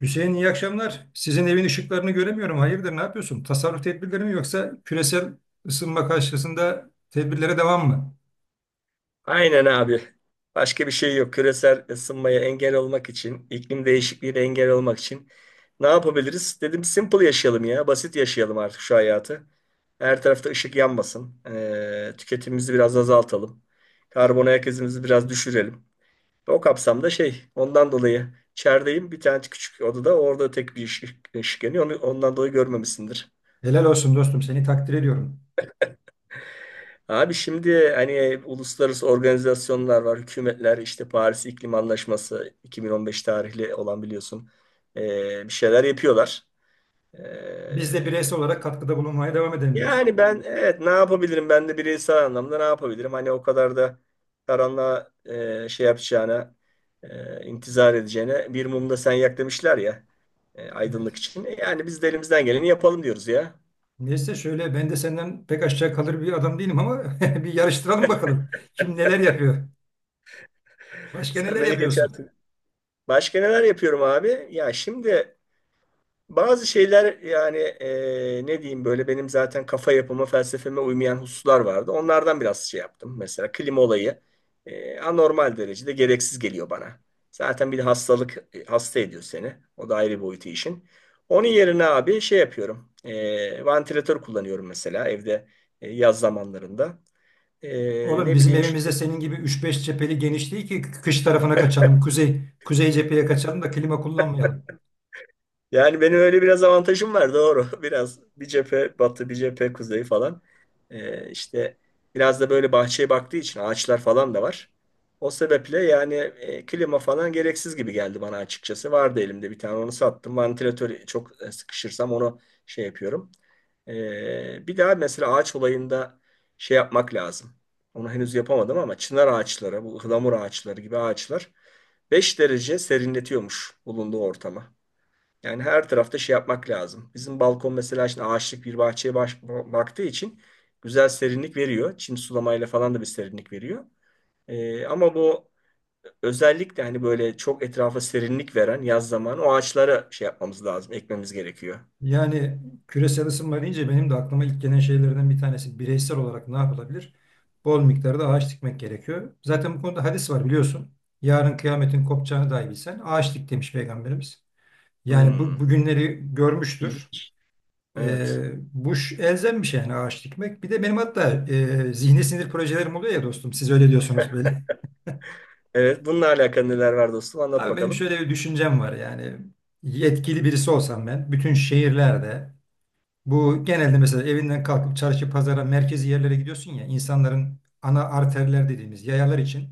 Hüseyin iyi akşamlar. Sizin evin ışıklarını göremiyorum. Hayırdır, ne yapıyorsun? Tasarruf tedbirleri mi yoksa küresel ısınma karşısında tedbirlere devam mı? Aynen abi. Başka bir şey yok. Küresel ısınmaya engel olmak için, iklim değişikliğine engel olmak için ne yapabiliriz? Dedim simple yaşayalım ya. Basit yaşayalım artık şu hayatı. Her tarafta ışık yanmasın. Tüketimimizi biraz azaltalım. Karbon ayak izimizi biraz düşürelim. O kapsamda şey, ondan dolayı içerideyim. Bir tane küçük odada orada tek bir ışık yanıyor. Onu, ondan dolayı görmemişsindir. Helal olsun dostum, seni takdir ediyorum. Abi şimdi hani uluslararası organizasyonlar var, hükümetler işte Paris İklim Anlaşması 2015 tarihli olan biliyorsun. Bir şeyler yapıyorlar. Biz de Ee, bireysel olarak katkıda bulunmaya devam edelim diyorsun. Yani ben, evet, ne yapabilirim, ben de bireysel anlamda ne yapabilirim, hani o kadar da karanlığa şey yapacağına intizar edeceğine bir mumda sen yak demişler ya, Evet. aydınlık için. Yani biz de elimizden geleni yapalım diyoruz ya. Neyse şöyle ben de senden pek aşağı kalır bir adam değilim ama bir yarıştıralım bakalım. Kim neler yapıyor? Başka Sen neler beni yapıyorsun? geçersin. Başka neler yapıyorum abi? Ya şimdi bazı şeyler, yani ne diyeyim, böyle benim zaten kafa yapıma, felsefeme uymayan hususlar vardı. Onlardan biraz şey yaptım. Mesela klima olayı anormal derecede gereksiz geliyor bana. Zaten bir de hastalık, hasta ediyor seni. O da ayrı boyutu işin. Onun yerine abi şey yapıyorum. Vantilatör kullanıyorum mesela evde, yaz zamanlarında. Oğlum Ne bizim bileyim işte. evimizde senin gibi üç beş cepheli geniş değil ki kış tarafına kaçalım, kuzey cepheye kaçalım da klima kullanmayalım. Yani benim öyle biraz avantajım var, doğru. Biraz bir cephe batı, bir cephe kuzey falan. İşte biraz da böyle bahçeye baktığı için ağaçlar falan da var. O sebeple yani klima falan gereksiz gibi geldi bana açıkçası. Vardı elimde bir tane, onu sattım. Vantilatörü çok, sıkışırsam onu şey yapıyorum. Bir daha mesela ağaç olayında şey yapmak lazım. Onu henüz yapamadım ama çınar ağaçları, bu ıhlamur ağaçları gibi ağaçlar 5 derece serinletiyormuş bulunduğu ortama. Yani her tarafta şey yapmak lazım. Bizim balkon mesela şimdi ağaçlık bir bahçeye baktığı için güzel serinlik veriyor. Çim sulamayla falan da bir serinlik veriyor. Ama bu özellikle hani böyle çok etrafa serinlik veren yaz zamanı o ağaçlara şey yapmamız lazım, ekmemiz gerekiyor. Yani küresel ısınma deyince benim de aklıma ilk gelen şeylerden bir tanesi bireysel olarak ne yapılabilir? Bol miktarda ağaç dikmek gerekiyor. Zaten bu konuda hadis var biliyorsun. Yarın kıyametin kopacağını dahi bilsen ağaç dik demiş Peygamberimiz. Yani Hmm, bu, bugünleri görmüştür. ilginç. Evet. Bu elzem bir şey yani ağaç dikmek. Bir de benim hatta zihni sinir projelerim oluyor ya dostum. Siz öyle diyorsunuz böyle. Evet, bununla alakalı neler var dostum? Anlat Abi benim bakalım. şöyle bir düşüncem var yani. Yetkili birisi olsam ben bütün şehirlerde bu genelde mesela evinden kalkıp çarşı, pazara, merkezi yerlere gidiyorsun ya insanların ana arterler dediğimiz yayalar için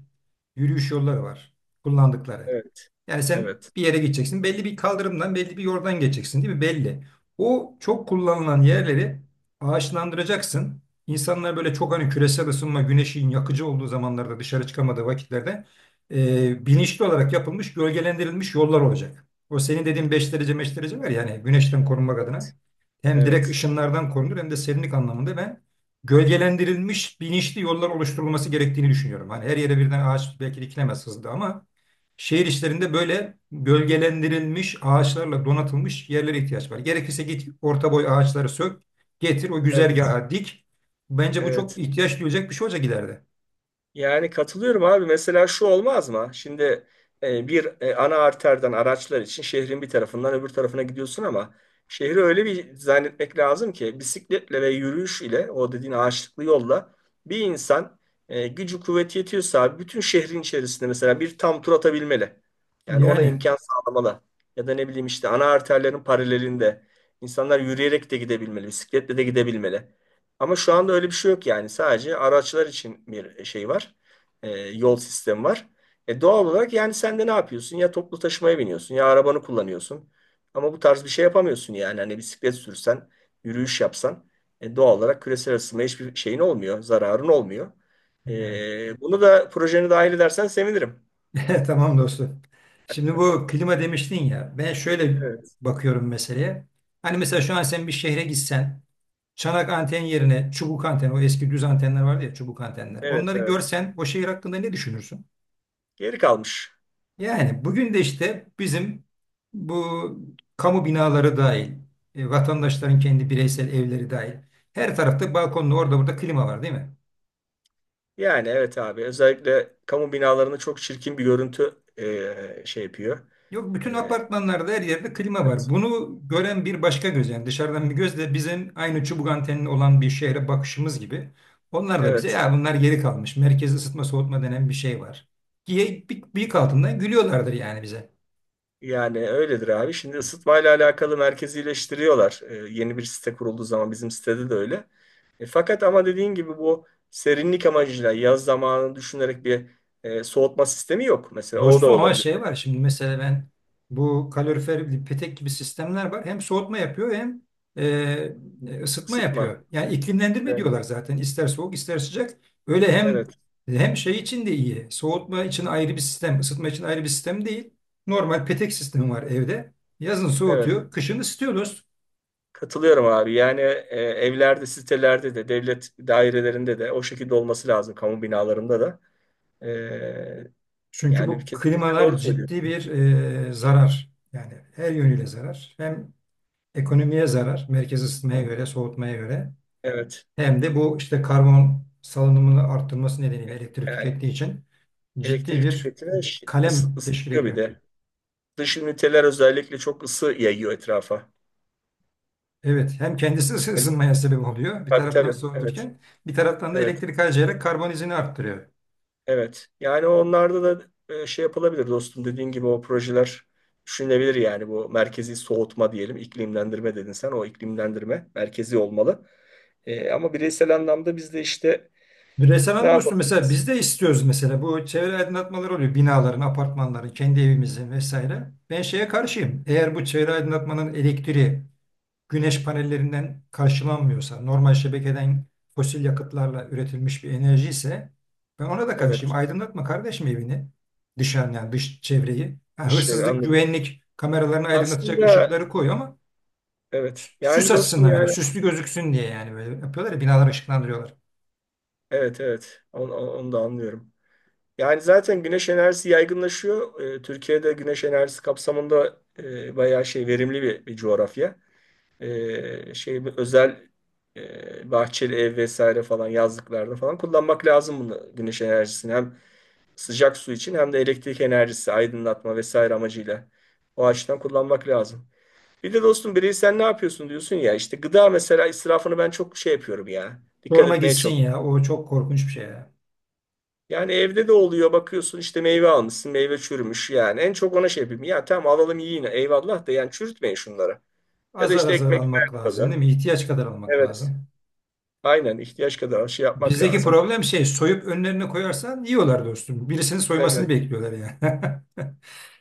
yürüyüş yolları var kullandıkları. Evet. Yani sen Evet. bir yere gideceksin belli bir kaldırımdan belli bir yoldan geçeceksin değil mi? Belli. O çok kullanılan yerleri ağaçlandıracaksın. İnsanlar böyle çok hani küresel ısınma, güneşin yakıcı olduğu zamanlarda dışarı çıkamadığı vakitlerde bilinçli olarak yapılmış, gölgelendirilmiş yollar olacak. O senin dediğin beş derece var ya hani güneşten korunmak Evet. adına hem direkt Evet. ışınlardan korunur hem de serinlik anlamında ben gölgelendirilmiş bilinçli yollar oluşturulması gerektiğini düşünüyorum. Hani her yere birden ağaç belki dikilemez hızlı ama şehir içlerinde böyle gölgelendirilmiş ağaçlarla donatılmış yerlere ihtiyaç var. Gerekirse git orta boy ağaçları sök, getir o Evet, güzergaha dik. Bence bu çok evet. ihtiyaç duyulacak bir şey olacak ileride. Yani katılıyorum abi. Mesela şu olmaz mı? Şimdi bir ana arterden araçlar için şehrin bir tarafından öbür tarafına gidiyorsun ama şehri öyle bir zannetmek lazım ki bisikletle ve yürüyüş ile o dediğin ağaçlıklı yolla bir insan, gücü kuvveti yetiyorsa abi, bütün şehrin içerisinde mesela bir tam tur atabilmeli. Yani ona Yani, imkan sağlamalı. Ya da ne bileyim işte, ana arterlerin paralelinde insanlar yürüyerek de gidebilmeli, bisikletle de gidebilmeli. Ama şu anda öyle bir şey yok yani. Sadece araçlar için bir şey var. Yol sistemi var. Doğal olarak yani sen de ne yapıyorsun? Ya toplu taşımaya biniyorsun ya arabanı kullanıyorsun. Ama bu tarz bir şey yapamıyorsun yani. Hani bisiklet sürsen, yürüyüş yapsan, doğal olarak küresel ısınmaya hiçbir şeyin olmuyor, zararın olmuyor. yani. Bunu da projene dahil edersen sevinirim. Tamam dostum. Şimdi bu klima demiştin ya. Ben şöyle Evet, bakıyorum meseleye. Hani mesela şu an sen bir şehre gitsen çanak anten yerine çubuk anten, o eski düz antenler vardı ya çubuk antenler. evet, Onları evet. görsen o şehir hakkında ne düşünürsün? Geri kalmış. Yani bugün de işte bizim bu kamu binaları dahil, vatandaşların kendi bireysel evleri dahil. Her tarafta balkonda orada burada klima var değil mi? Yani evet abi, özellikle kamu binalarında çok çirkin bir görüntü şey yapıyor. Yok bütün E, apartmanlarda her yerde klima var. evet. Bunu gören bir başka göz yani dışarıdan bir göz de bizim aynı çubuk antenli olan bir şehre bakışımız gibi. Onlar da bize Evet. ya bunlar geri kalmış. Merkez ısıtma soğutma denen bir şey var. Diye bıyık altından gülüyorlardır yani bize. Yani öyledir abi. Şimdi ısıtmayla alakalı merkezileştiriyorlar. Yeni bir site kurulduğu zaman bizim sitede de öyle. Fakat ama dediğin gibi bu serinlik amacıyla yaz zamanını düşünerek bir soğutma sistemi yok. Mesela o da Dostum ama olabilir. şey var şimdi mesela ben bu kalorifer petek gibi sistemler var. Hem soğutma yapıyor hem e, ısıtma Isıtma. yapıyor. Yani iklimlendirme Evet. diyorlar zaten ister soğuk ister sıcak. Öyle hem Evet. Şey için de iyi. Soğutma için ayrı bir sistem, ısıtma için ayrı bir sistem değil. Normal petek sistemi var evde. Yazın Evet. soğutuyor, kışın ısıtıyor dost. Katılıyorum abi. Yani evlerde, sitelerde de, devlet dairelerinde de o şekilde olması lazım. Kamu binalarında da. E, Çünkü Yani bu kesinlikle klimalar doğru ciddi söylüyorsun. bir zarar. Yani her yönüyle zarar. Hem ekonomiye zarar, merkez ısıtmaya göre, soğutmaya göre. Evet. Hem de bu işte karbon salınımını arttırması nedeniyle elektrik Yani tükettiği için ciddi elektrik bir tüketimi kalem teşkil ısıtıyor bir ediyor. de. Dış üniteler özellikle çok ısı yayıyor etrafa. Evet, hem kendisi Yani, ısınmaya sebep oluyor bir tabii taraftan tabii. Evet. soğuturken bir taraftan da Evet. elektrik harcayarak karbon izini arttırıyor. Evet. Yani onlarda da şey yapılabilir dostum. Dediğin gibi o projeler düşünülebilir, yani bu merkezi soğutma diyelim. İklimlendirme dedin sen. O iklimlendirme merkezi olmalı. Ama bireysel anlamda biz de işte Bireysel ne anlamda dostum mesela yapabiliriz? biz de istiyoruz mesela bu çevre aydınlatmaları oluyor binaların, apartmanların, kendi evimizin vesaire. Ben şeye karşıyım. Eğer bu çevre aydınlatmanın elektriği güneş panellerinden karşılanmıyorsa, normal şebekeden fosil yakıtlarla üretilmiş bir enerji ise ben ona da karşıyım. Evet. Aydınlatma kardeşim evini, dışarı yani dış çevreyi. Ha, Bir şey, hırsızlık, anladım. güvenlik kameralarını aydınlatacak Aslında ışıkları koy ama evet. süs Yani dostum, açısından böyle, yani süslü gözüksün diye yani böyle yapıyorlar ya, binalar ışıklandırıyorlar. evet, evet. Onu da anlıyorum. Yani zaten güneş enerjisi yaygınlaşıyor. Türkiye'de güneş enerjisi kapsamında bayağı şey verimli bir coğrafya. Şey bu özel, bahçeli ev vesaire falan, yazlıklarda falan kullanmak lazım bunu, güneş enerjisini hem sıcak su için hem de elektrik enerjisi aydınlatma vesaire amacıyla o açıdan kullanmak lazım. Bir de dostum, bireysel ne yapıyorsun diyorsun ya, işte gıda mesela israfını ben çok şey yapıyorum ya. Dikkat Sorma etmeye. gitsin ya, o çok korkunç bir şey ya. Yani evde de oluyor, bakıyorsun işte meyve almışsın meyve çürümüş, yani en çok ona şey yapayım ya, tamam alalım, yiyin, eyvallah da yani çürütmeyin şunları. Ya da Azar işte azar ekmek almak lazım kadar, değil mi? İhtiyaç kadar almak evet, lazım. aynen ihtiyaç kadar şey yapmak Bizdeki lazım. problem şey soyup önlerine koyarsan yiyorlar dostum. Birisinin soymasını Evet, bekliyorlar yani.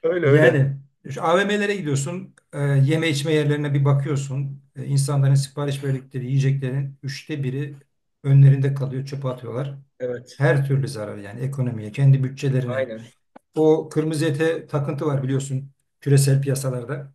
öyle öyle. Yani şu AVM'lere gidiyorsun, yeme içme yerlerine bir bakıyorsun. E, insanların sipariş verdikleri yiyeceklerin üçte biri önlerinde kalıyor, çöpe atıyorlar. Evet, Her türlü zarar yani ekonomiye, kendi bütçelerine. aynen. O kırmızı ete takıntı var biliyorsun küresel piyasalarda.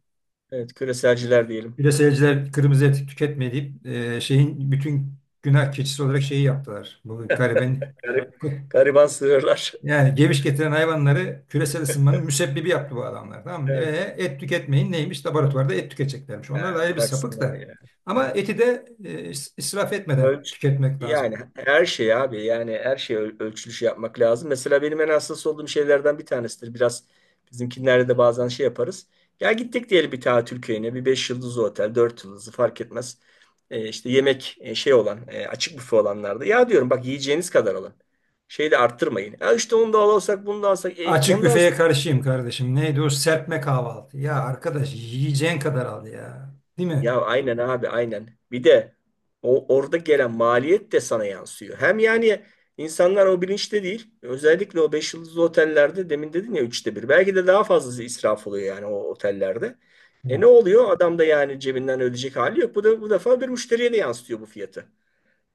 Evet, küreselciler diyelim. Küreselciler kırmızı et tüketmeyip şeyin bütün günah keçisi olarak şeyi yaptılar. Bu gariben. Garip- gariban sığırlar. Yani geviş getiren hayvanları küresel ısınmanın müsebbibi yaptı bu adamlar. Tamam mı? Evet. E, et tüketmeyin neymiş? Laboratuvarda et tüketeceklermiş. Onlar da Ha, ayrı bir sapık bıraksınlar da. ya. Ama Evet. eti de israf etmeden Ölç, tüketmek lazım. yani her şey abi, yani her şey ölçülüş yapmak lazım. Mesela benim en hassas olduğum şeylerden bir tanesidir. Biraz bizimkinlerde de bazen şey yaparız. Ya gittik diyelim bir tatil köyüne, bir 5 yıldızlı otel 4 yıldızlı fark etmez. İşte yemek şey olan, açık büfe olanlarda. Ya diyorum bak yiyeceğiniz kadar alın. Şeyi de arttırmayın. Ya işte onu da alırsak bunu da alsak. Açık Ondan. büfeye karşıyım kardeşim. Neydi o serpme kahvaltı? Ya arkadaş yiyeceğin kadar al ya. Değil mi? Ya aynen abi, aynen. Bir de o orada gelen maliyet de sana yansıyor. Hem yani insanlar o bilinçte değil. Özellikle o 5 yıldızlı otellerde demin dedin ya, 1/3. Belki de daha fazlası israf oluyor yani o otellerde. E ne oluyor? Adam da yani cebinden ödeyecek hali yok. Bu da bu defa bir müşteriye de yansıtıyor bu fiyatı.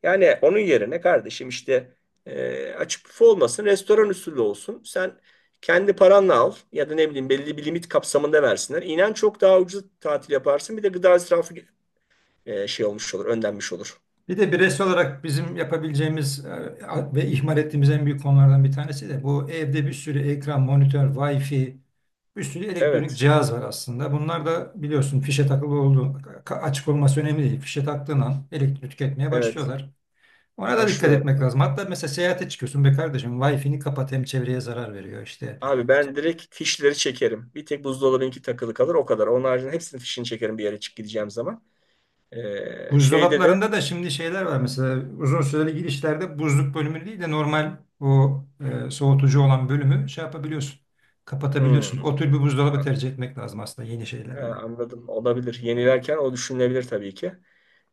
Yani onun yerine kardeşim işte, açık büfe olmasın, restoran usulü olsun. Sen kendi paranla al ya da ne bileyim belli bir limit kapsamında versinler. İnan çok daha ucuz tatil yaparsın. Bir de gıda israfı şey olmuş olur, önlenmiş olur. Bir de bireysel olarak bizim yapabileceğimiz ve ihmal ettiğimiz en büyük konulardan bir tanesi de bu evde bir sürü ekran, monitör, Wi-Fi, bir sürü elektronik Evet, cihaz var aslında. Bunlar da biliyorsun fişe takılı olduğu, açık olması önemli değil. Fişe taktığın an elektrik tüketmeye evet. başlıyorlar. Ona da dikkat Haşlıyorum. etmek lazım. Hatta mesela seyahate çıkıyorsun be kardeşim Wi-Fi'ni kapat hem çevreye zarar veriyor işte. Abi ben direkt fişleri çekerim. Bir tek buzdolabınki takılı kalır o kadar. Onun haricinde hepsinin fişini çekerim bir yere çık gideceğim zaman. Şeyde de, Buzdolaplarında da şimdi şeyler var mesela uzun süreli girişlerde buzluk bölümü değil de normal o soğutucu olan bölümü şey yapabiliyorsun. Kapatabiliyorsun. hmm, O tür bir buzdolabı tercih etmek lazım aslında yeni ha, şeylerde de. anladım, olabilir. Yenilerken o düşünülebilir tabii ki.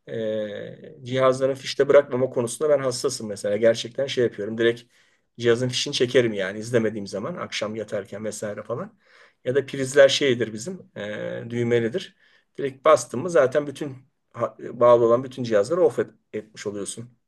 e, Cihazların fişte bırakmama konusunda ben hassasım mesela. Gerçekten şey yapıyorum. Direkt cihazın fişini çekerim yani izlemediğim zaman akşam yatarken vesaire falan. Ya da prizler şeydir bizim, düğmelidir. Direkt bastın mı zaten bütün bağlı olan bütün cihazları off etmiş oluyorsun.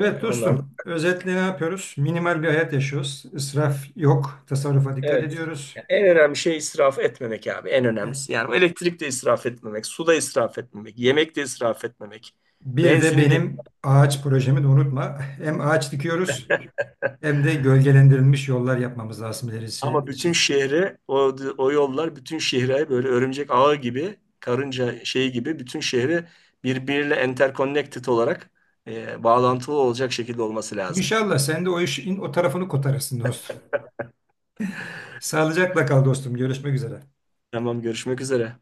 Evet Onlar da. dostum, özetle ne yapıyoruz? Minimal bir hayat yaşıyoruz. İsraf yok, tasarrufa dikkat Evet. ediyoruz. Ya en önemli şey israf etmemek abi. En Evet. önemlisi. Yani elektrikte israf etmemek, suda israf etmemek, yemekte israf etmemek, Bir de benzini de. benim ağaç projemi de unutma. Hem ağaç dikiyoruz hem de gölgelendirilmiş yollar yapmamız lazım ilerisi Ama bütün için. şehre o yollar, bütün şehre böyle örümcek ağı gibi karınca şeyi gibi bütün şehri birbiriyle interconnected olarak, bağlantılı olacak şekilde olması lazım. İnşallah sen de o işin o tarafını kotarırsın dostum. Sağlıcakla kal dostum. Görüşmek üzere. Tamam, görüşmek üzere.